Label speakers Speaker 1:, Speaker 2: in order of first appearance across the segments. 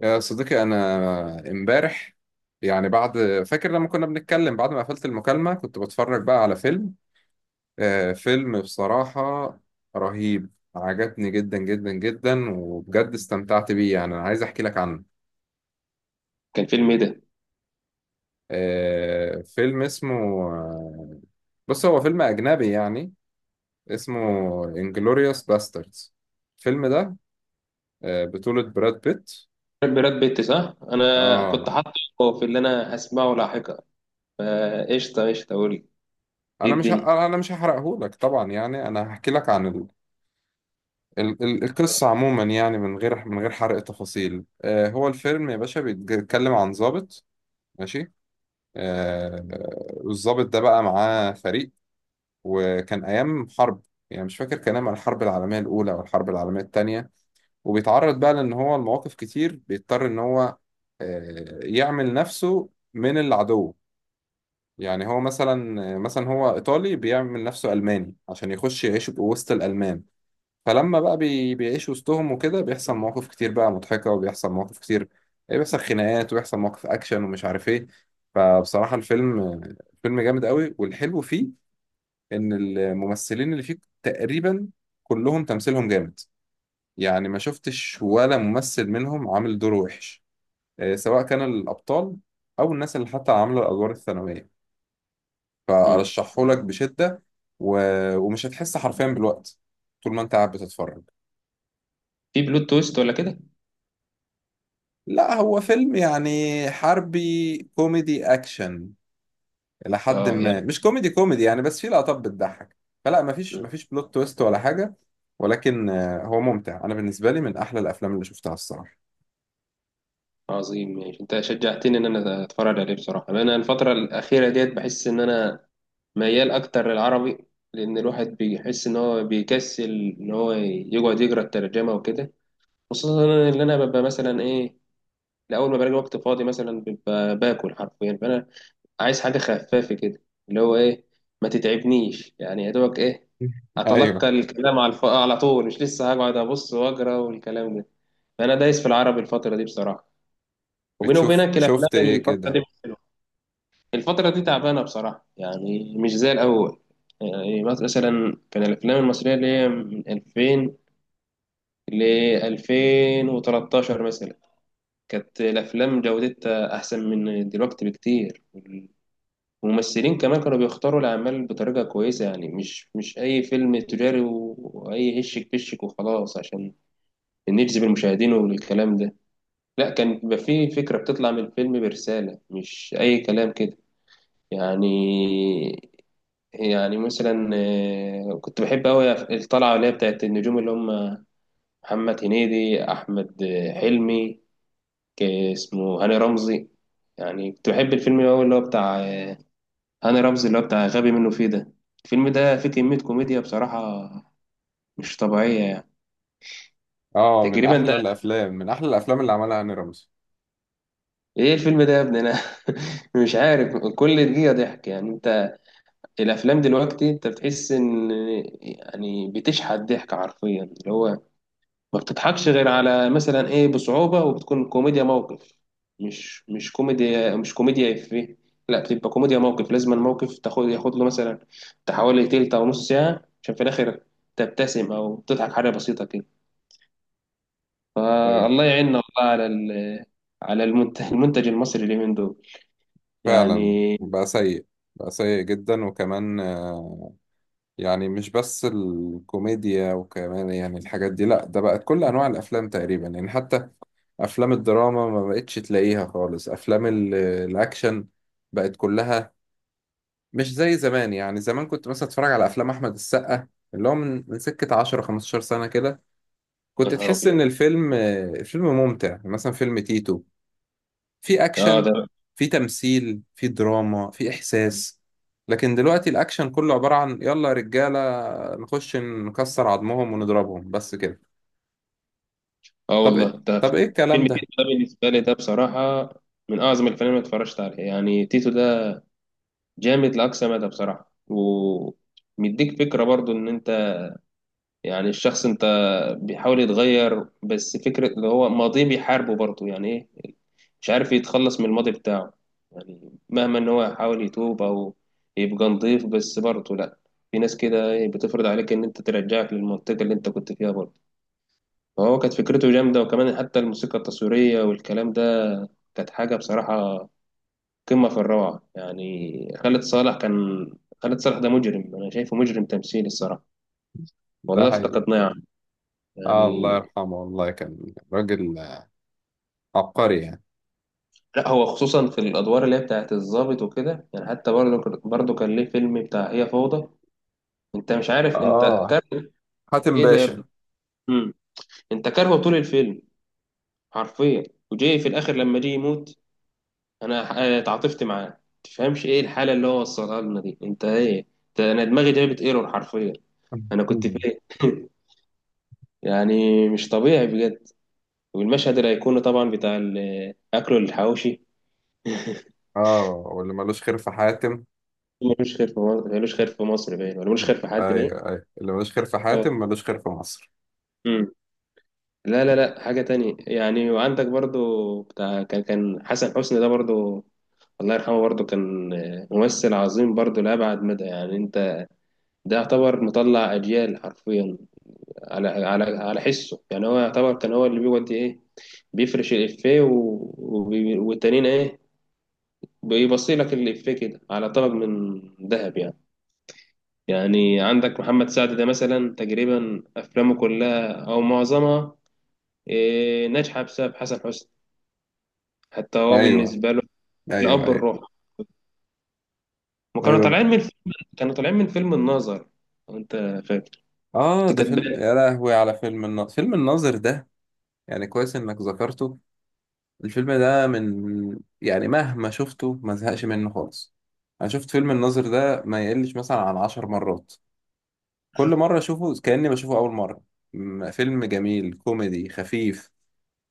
Speaker 1: يا صديقي أنا إمبارح يعني بعد فاكر لما كنا بنتكلم بعد ما قفلت المكالمة كنت بتفرج بقى على فيلم. فيلم بصراحة رهيب. عجبني جدا جدا جدا وبجد استمتعت بيه. يعني أنا عايز أحكي لك عنه.
Speaker 2: كان فيلم ايه ده؟
Speaker 1: فيلم اسمه بص هو فيلم أجنبي يعني اسمه انجلوريوس باستردز. الفيلم ده بطولة براد بيت.
Speaker 2: براد بيت صح؟ انا كنت
Speaker 1: آه
Speaker 2: حاطه في اللي انا هسمعه لاحقا فقشطه قشطه قول لي. ايه الدنيا؟
Speaker 1: أنا مش هحرقهولك طبعا. يعني أنا هحكي لك عن القصة عموما يعني من غير حرق تفاصيل. هو الفيلم يا باشا بيتكلم عن ضابط. ماشي. آه، والضابط ده بقى معاه فريق، وكان أيام حرب. يعني مش فاكر كان أيام الحرب العالمية الأولى أو الحرب العالمية التانية. وبيتعرض بقى لأن هو المواقف كتير بيضطر إن هو يعمل نفسه من العدو. يعني هو مثلا هو إيطالي بيعمل نفسه ألماني عشان يخش يعيش وسط الألمان. فلما بقى بيعيش وسطهم وكده بيحصل مواقف كتير بقى مضحكة، وبيحصل مواقف كتير، بيحصل خناقات، وبيحصل مواقف أكشن ومش عارف إيه. فبصراحة الفيلم فيلم جامد قوي. والحلو فيه إن الممثلين اللي فيه تقريبا كلهم تمثيلهم جامد. يعني ما شفتش ولا ممثل منهم عامل دور وحش، سواء كان الأبطال أو الناس اللي حتى عاملة الأدوار الثانوية.
Speaker 2: مم.
Speaker 1: فأرشحهولك بشدة، و... ومش هتحس حرفيا بالوقت طول ما أنت قاعد بتتفرج.
Speaker 2: في بلوت تويست ولا كده؟
Speaker 1: لا، هو فيلم يعني حربي كوميدي اكشن الى حد
Speaker 2: اه
Speaker 1: ما.
Speaker 2: يعني.
Speaker 1: مش كوميدي كوميدي يعني، بس فيه لقطات بتضحك. فلا مفيش
Speaker 2: مم.
Speaker 1: بلوت تويست ولا حاجه. ولكن هو ممتع. انا بالنسبه لي من احلى الافلام اللي شفتها الصراحه.
Speaker 2: عظيم ماشي، انت شجعتني ان انا اتفرج عليه بصراحه. انا الفتره الاخيره ديت بحس ان انا ميال اكتر للعربي، لان الواحد بيحس ان هو بيكسل ان هو يقعد يقرا الترجمه وكده. خصوصا ان انا ببقى مثلا ايه، لاول ما بلاقي وقت فاضي مثلا ببقى باكل حرفيا، فانا عايز حاجة خفافة كده اللي هو إيه، ما تتعبنيش يعني، يا دوبك إيه
Speaker 1: ايوه.
Speaker 2: أتلقى الكلام على على طول، مش لسه هقعد أبص وأقرأ والكلام ده. فأنا دايس في العربي الفترة دي بصراحة، وبيني
Speaker 1: بتشوف
Speaker 2: وبينك
Speaker 1: شفت
Speaker 2: الأفلام
Speaker 1: ايه
Speaker 2: الفترة دي
Speaker 1: كده.
Speaker 2: مش حلوة. الفترة دي تعبانة بصراحة، يعني مش زي الأول. يعني مثلا كان الأفلام المصرية اللي هي من 2000 ل 2013 مثلا، كانت الأفلام جودتها أحسن من دلوقتي بكتير. الممثلين كمان كانوا بيختاروا الأعمال بطريقة كويسة، يعني مش أي فيلم تجاري وأي هشك بشك وخلاص عشان نجذب المشاهدين والكلام ده. لا، كان بيبقى فيه فكرة بتطلع من الفيلم برسالة، مش أي كلام كده يعني. مثلا كنت بحب أوي الطلعة اللي هي بتاعت النجوم اللي هم محمد هنيدي، أحمد حلمي، اسمه هاني رمزي. يعني كنت بحب الفيلم أوي اللي هو بتاع هاني رمزي، اللي هو بتاع غبي منه فيه ده. الفيلم ده فيه كمية كوميديا بصراحة مش طبيعية يعني.
Speaker 1: اه، من
Speaker 2: تقريبا ده،
Speaker 1: احلى الافلام اللي عملها هاني رمزي.
Speaker 2: ايه الفيلم ده يا ابني انا مش عارف. كل دقيقة ضحك يعني. انت الافلام دلوقتي انت بتحس ان يعني بتشحت ضحك حرفيا، اللي هو ما بتضحكش غير على مثلا ايه، بصعوبة، وبتكون كوميديا موقف. مش كوميديا، مش كوميديا إفيه، لا بتبقى كوميديا موقف، لازم الموقف ياخد له مثلا بتاع حوالي تلت او نص ساعة عشان في الاخر تبتسم او تضحك حاجة بسيطة كده.
Speaker 1: ايوه،
Speaker 2: فالله يعيننا والله على على المنتج المصري اليومين دول
Speaker 1: فعلا.
Speaker 2: يعني.
Speaker 1: بقى سيء، جدا. وكمان يعني مش بس الكوميديا وكمان يعني الحاجات دي. لا، ده بقت كل انواع الافلام تقريبا يعني، حتى افلام الدراما ما بقتش تلاقيها خالص، افلام الاكشن بقت كلها مش زي زمان. يعني زمان كنت مثلا اتفرج على افلام احمد السقا اللي هو من سكة 10 15 سنة كده،
Speaker 2: يا
Speaker 1: كنت
Speaker 2: نهار
Speaker 1: تحس
Speaker 2: ابيض.
Speaker 1: ان الفيلم ممتع. يعني مثلا فيلم تيتو، في
Speaker 2: اه
Speaker 1: اكشن،
Speaker 2: ده.
Speaker 1: في تمثيل، في دراما، في احساس. لكن دلوقتي الاكشن كله عبارة عن: يلا يا رجالة، نخش نكسر عظمهم ونضربهم بس كده.
Speaker 2: اه والله ده.
Speaker 1: طب ايه الكلام
Speaker 2: فيلم
Speaker 1: ده؟
Speaker 2: تيتو ده بالنسبة لي، ده بصراحة من أعظم الافلام اللي اتفرجت عليها. يعني تيتو ده جامد لأقصى مدى بصراحة، ومديك فكرة برضو إن أنت يعني الشخص أنت بيحاول يتغير، بس فكرة اللي هو ماضيه بيحاربه برضو يعني إيه، مش عارف يتخلص من الماضي بتاعه. يعني مهما إن هو يحاول يتوب أو يبقى نضيف، بس برضو لأ، في ناس كده إيه بتفرض عليك إن أنت ترجعك للمنطقة اللي أنت كنت فيها برضو. فهو كانت فكرته جامدة، وكمان حتى الموسيقى التصويرية والكلام ده كانت حاجة بصراحة قمة في الروعة. يعني خالد صالح كان، خالد صالح ده مجرم، أنا شايفه مجرم تمثيلي الصراحة.
Speaker 1: ده
Speaker 2: والله
Speaker 1: هي.
Speaker 2: افتقدناه يا عم.
Speaker 1: الله
Speaker 2: يعني
Speaker 1: يرحمه. والله كان راجل عبقري يعني.
Speaker 2: لا، هو خصوصا في الأدوار اللي هي بتاعت الضابط وكده يعني، حتى برضه كان ليه فيلم بتاع هي فوضى. أنت مش عارف أنت
Speaker 1: اه،
Speaker 2: كاره
Speaker 1: حاتم
Speaker 2: إيه ده يا ابني.
Speaker 1: باشا.
Speaker 2: مم. أنت كارهه طول الفيلم حرفيا، وجاي في الآخر لما جه يموت أنا تعاطفت معاه. تفهمش إيه الحالة اللي هو وصلها لنا دي، أنت إيه، أنت أنا دماغي جابت إيرور حرفيا. أنا كنت فين يعني مش طبيعي بجد. والمشهد الأيقوني طبعا بتاع أكله الحواوشي.
Speaker 1: اه، واللي ملوش خير في حاتم.
Speaker 2: ملوش خير في مصر، ملوش خير في مصر باين، ولا ملوش خير في حد باين.
Speaker 1: ايوه، ايوه، اللي ملوش خير في
Speaker 2: آه.
Speaker 1: حاتم ملوش خير في مصر.
Speaker 2: مم. لا لا لا، حاجة تانية يعني. وعندك برضو بتاع كان، حسن حسني ده برضو الله يرحمه، برضو كان ممثل عظيم برضو لأبعد مدى يعني. أنت ده يعتبر مطلع أجيال حرفيا، على حسه يعني. هو يعتبر كان هو اللي بيودي إيه، بيفرش الإفيه و... والتانيين إيه، بيبصي لك الإفيه كده على طبق من ذهب يعني. يعني عندك محمد سعد ده مثلا تقريبا أفلامه كلها أو معظمها إيه، ناجحة بسبب حسن حسني. حتى هو
Speaker 1: ايوه،
Speaker 2: بالنسبة له
Speaker 1: ايوه،
Speaker 2: الأب
Speaker 1: ايوه،
Speaker 2: الروح. وكانوا
Speaker 1: ايوه.
Speaker 2: طالعين من فيلم، كانوا طالعين من فيلم الناظر، لو أنت فاكر.
Speaker 1: اه،
Speaker 2: دي
Speaker 1: ده
Speaker 2: كانت
Speaker 1: فيلم. يا لهوي على فيلم الناظر. فيلم الناظر ده يعني كويس انك ذكرته. الفيلم ده من يعني مهما شفته ما زهقش منه خالص. انا شفت فيلم الناظر ده ما يقلش مثلا عن 10 مرات. كل مرة اشوفه كأني بشوفه اول مرة. فيلم جميل كوميدي خفيف.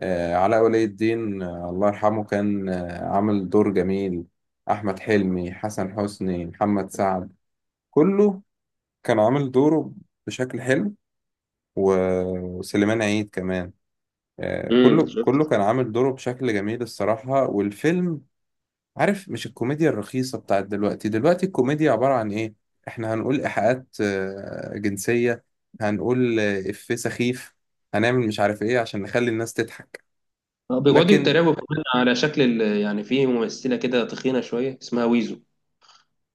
Speaker 1: علاء ولي الدين، الله يرحمه، كان عامل دور جميل. احمد حلمي، حسن حسني، محمد سعد، كله كان عامل دوره بشكل حلو. وسليمان عيد كمان، كله
Speaker 2: شفت.
Speaker 1: كان عامل دوره بشكل جميل الصراحة. والفيلم، عارف، مش الكوميديا الرخيصة بتاعت دلوقتي. دلوقتي الكوميديا عبارة عن إيه؟ إحنا هنقول إيحاءات جنسية، هنقول إفيه سخيف، هنعمل مش عارف إيه عشان نخلي الناس تضحك.
Speaker 2: بيقعدوا
Speaker 1: لكن
Speaker 2: يتريقوا كمان على شكل يعني في ممثلة كده تخينة شوية اسمها ويزو.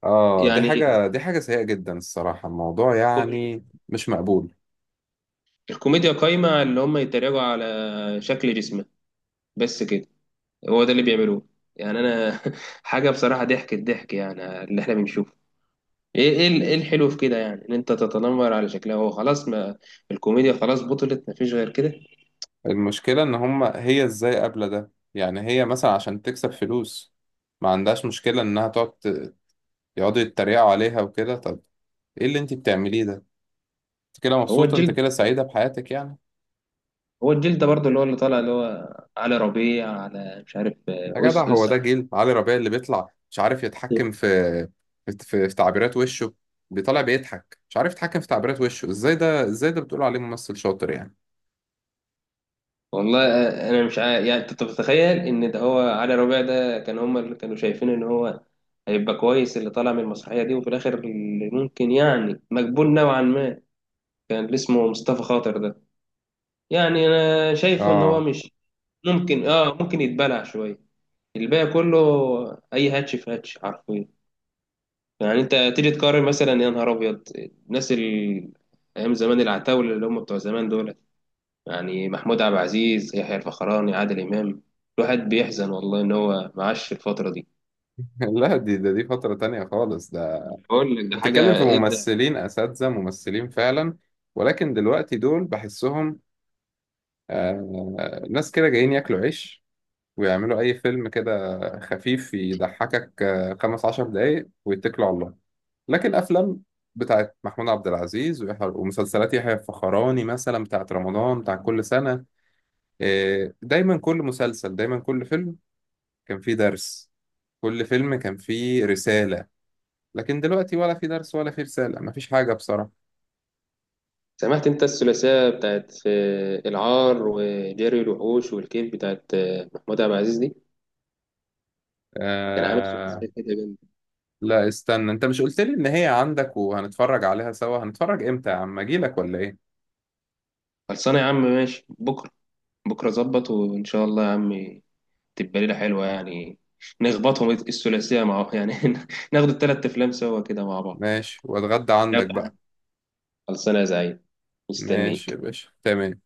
Speaker 1: دي
Speaker 2: يعني
Speaker 1: حاجة، سيئة جدا الصراحة. الموضوع
Speaker 2: الكو-
Speaker 1: يعني مش مقبول.
Speaker 2: الكوميديا قايمة على اللي هم يتريقوا على شكل جسمها بس كده. هو ده اللي بيعملوه يعني. أنا حاجة بصراحة ضحك، الضحك يعني اللي احنا بنشوفه ايه، إيه الحلو في كده يعني، ان انت تتنمر على شكلها. هو خلاص، ما الكوميديا خلاص بطلت، ما فيش غير كده.
Speaker 1: المشكلة إن هما هي إزاي قابلة ده يعني. هي مثلا عشان تكسب فلوس ما عندهاش مشكلة إنها تقعد يقعدوا يتريقوا عليها وكده. طب ايه اللي انت بتعمليه ده؟ انت كده
Speaker 2: هو
Speaker 1: مبسوطه، انت
Speaker 2: الجلد،
Speaker 1: كده سعيده بحياتك يعني؟
Speaker 2: هو الجلد ده برضه اللي هو اللي طالع اللي هو علي ربيع، على مش عارف
Speaker 1: يا جدع،
Speaker 2: اس
Speaker 1: هو
Speaker 2: اس.
Speaker 1: ده جيل علي ربيع اللي بيطلع مش عارف يتحكم في في تعبيرات وشه. بيطلع بيضحك مش عارف يتحكم في تعبيرات وشه. ازاي ده؟ بتقول عليه ممثل شاطر يعني؟
Speaker 2: والله انا مش عارف يعني. انت بتتخيل ان ده هو علي ربيع ده؟ كان هما اللي كانوا شايفين ان هو هيبقى كويس اللي طالع من المسرحيه دي. وفي الاخر اللي ممكن يعني مقبول نوعا ما كان اللي اسمه مصطفى خاطر ده. يعني انا شايفه ان هو
Speaker 1: اه.
Speaker 2: مش ممكن، اه ممكن يتبلع شويه، الباقي كله اي هاتش في هاتش حرفيا. يعني انت تيجي تقارن مثلا يا نهار ابيض الناس ال... ايام زمان العتاوله اللي هم بتوع زمان دول، يعني محمود عبد العزيز، يحيى الفخراني، عادل امام. الواحد بيحزن والله ان هو معاش الفتره دي.
Speaker 1: لا، دي فتره تانية خالص ده.
Speaker 2: بقول لك ده
Speaker 1: انت بتتكلم
Speaker 2: حاجه
Speaker 1: في
Speaker 2: ايه ده.
Speaker 1: ممثلين اساتذه، ممثلين فعلا. ولكن دلوقتي دول بحسهم ناس كده جايين ياكلوا عيش، ويعملوا أي فيلم كده خفيف يضحكك 15 دقايق ويتكلوا على الله. لكن أفلام بتاعت محمود عبد العزيز ومسلسلات يحيى الفخراني مثلا بتاعت رمضان بتاع كل سنة، دايما كل مسلسل، دايما كل فيلم كان فيه درس، كل فيلم كان فيه رسالة. لكن دلوقتي ولا في درس ولا في رسالة، مفيش حاجة بصراحة.
Speaker 2: سمعت انت الثلاثيه بتاعت العار وجري الوحوش والكيف بتاعت محمود عبد العزيز دي؟ كان عامل
Speaker 1: آه...
Speaker 2: ثلاثيه كده جامده.
Speaker 1: لا، استنى. انت مش قلت لي ان هي عندك وهنتفرج عليها سوا؟ هنتفرج امتى يا عم؟ اجيلك ولا ايه؟
Speaker 2: خلصانه يا عم، ماشي بكره. بكره ظبط وان شاء الله يا عم، تبقى ليلة حلوة يعني. نخبطهم الثلاثية مع يعني ناخد التلات أفلام سوا كده مع بعض.
Speaker 1: ماشي، واتغدى عندك
Speaker 2: يلا يا حاج.
Speaker 1: بقى.
Speaker 2: خلصانة يا زعيم،
Speaker 1: ماشي يا
Speaker 2: مستنيك
Speaker 1: باشا، تمام.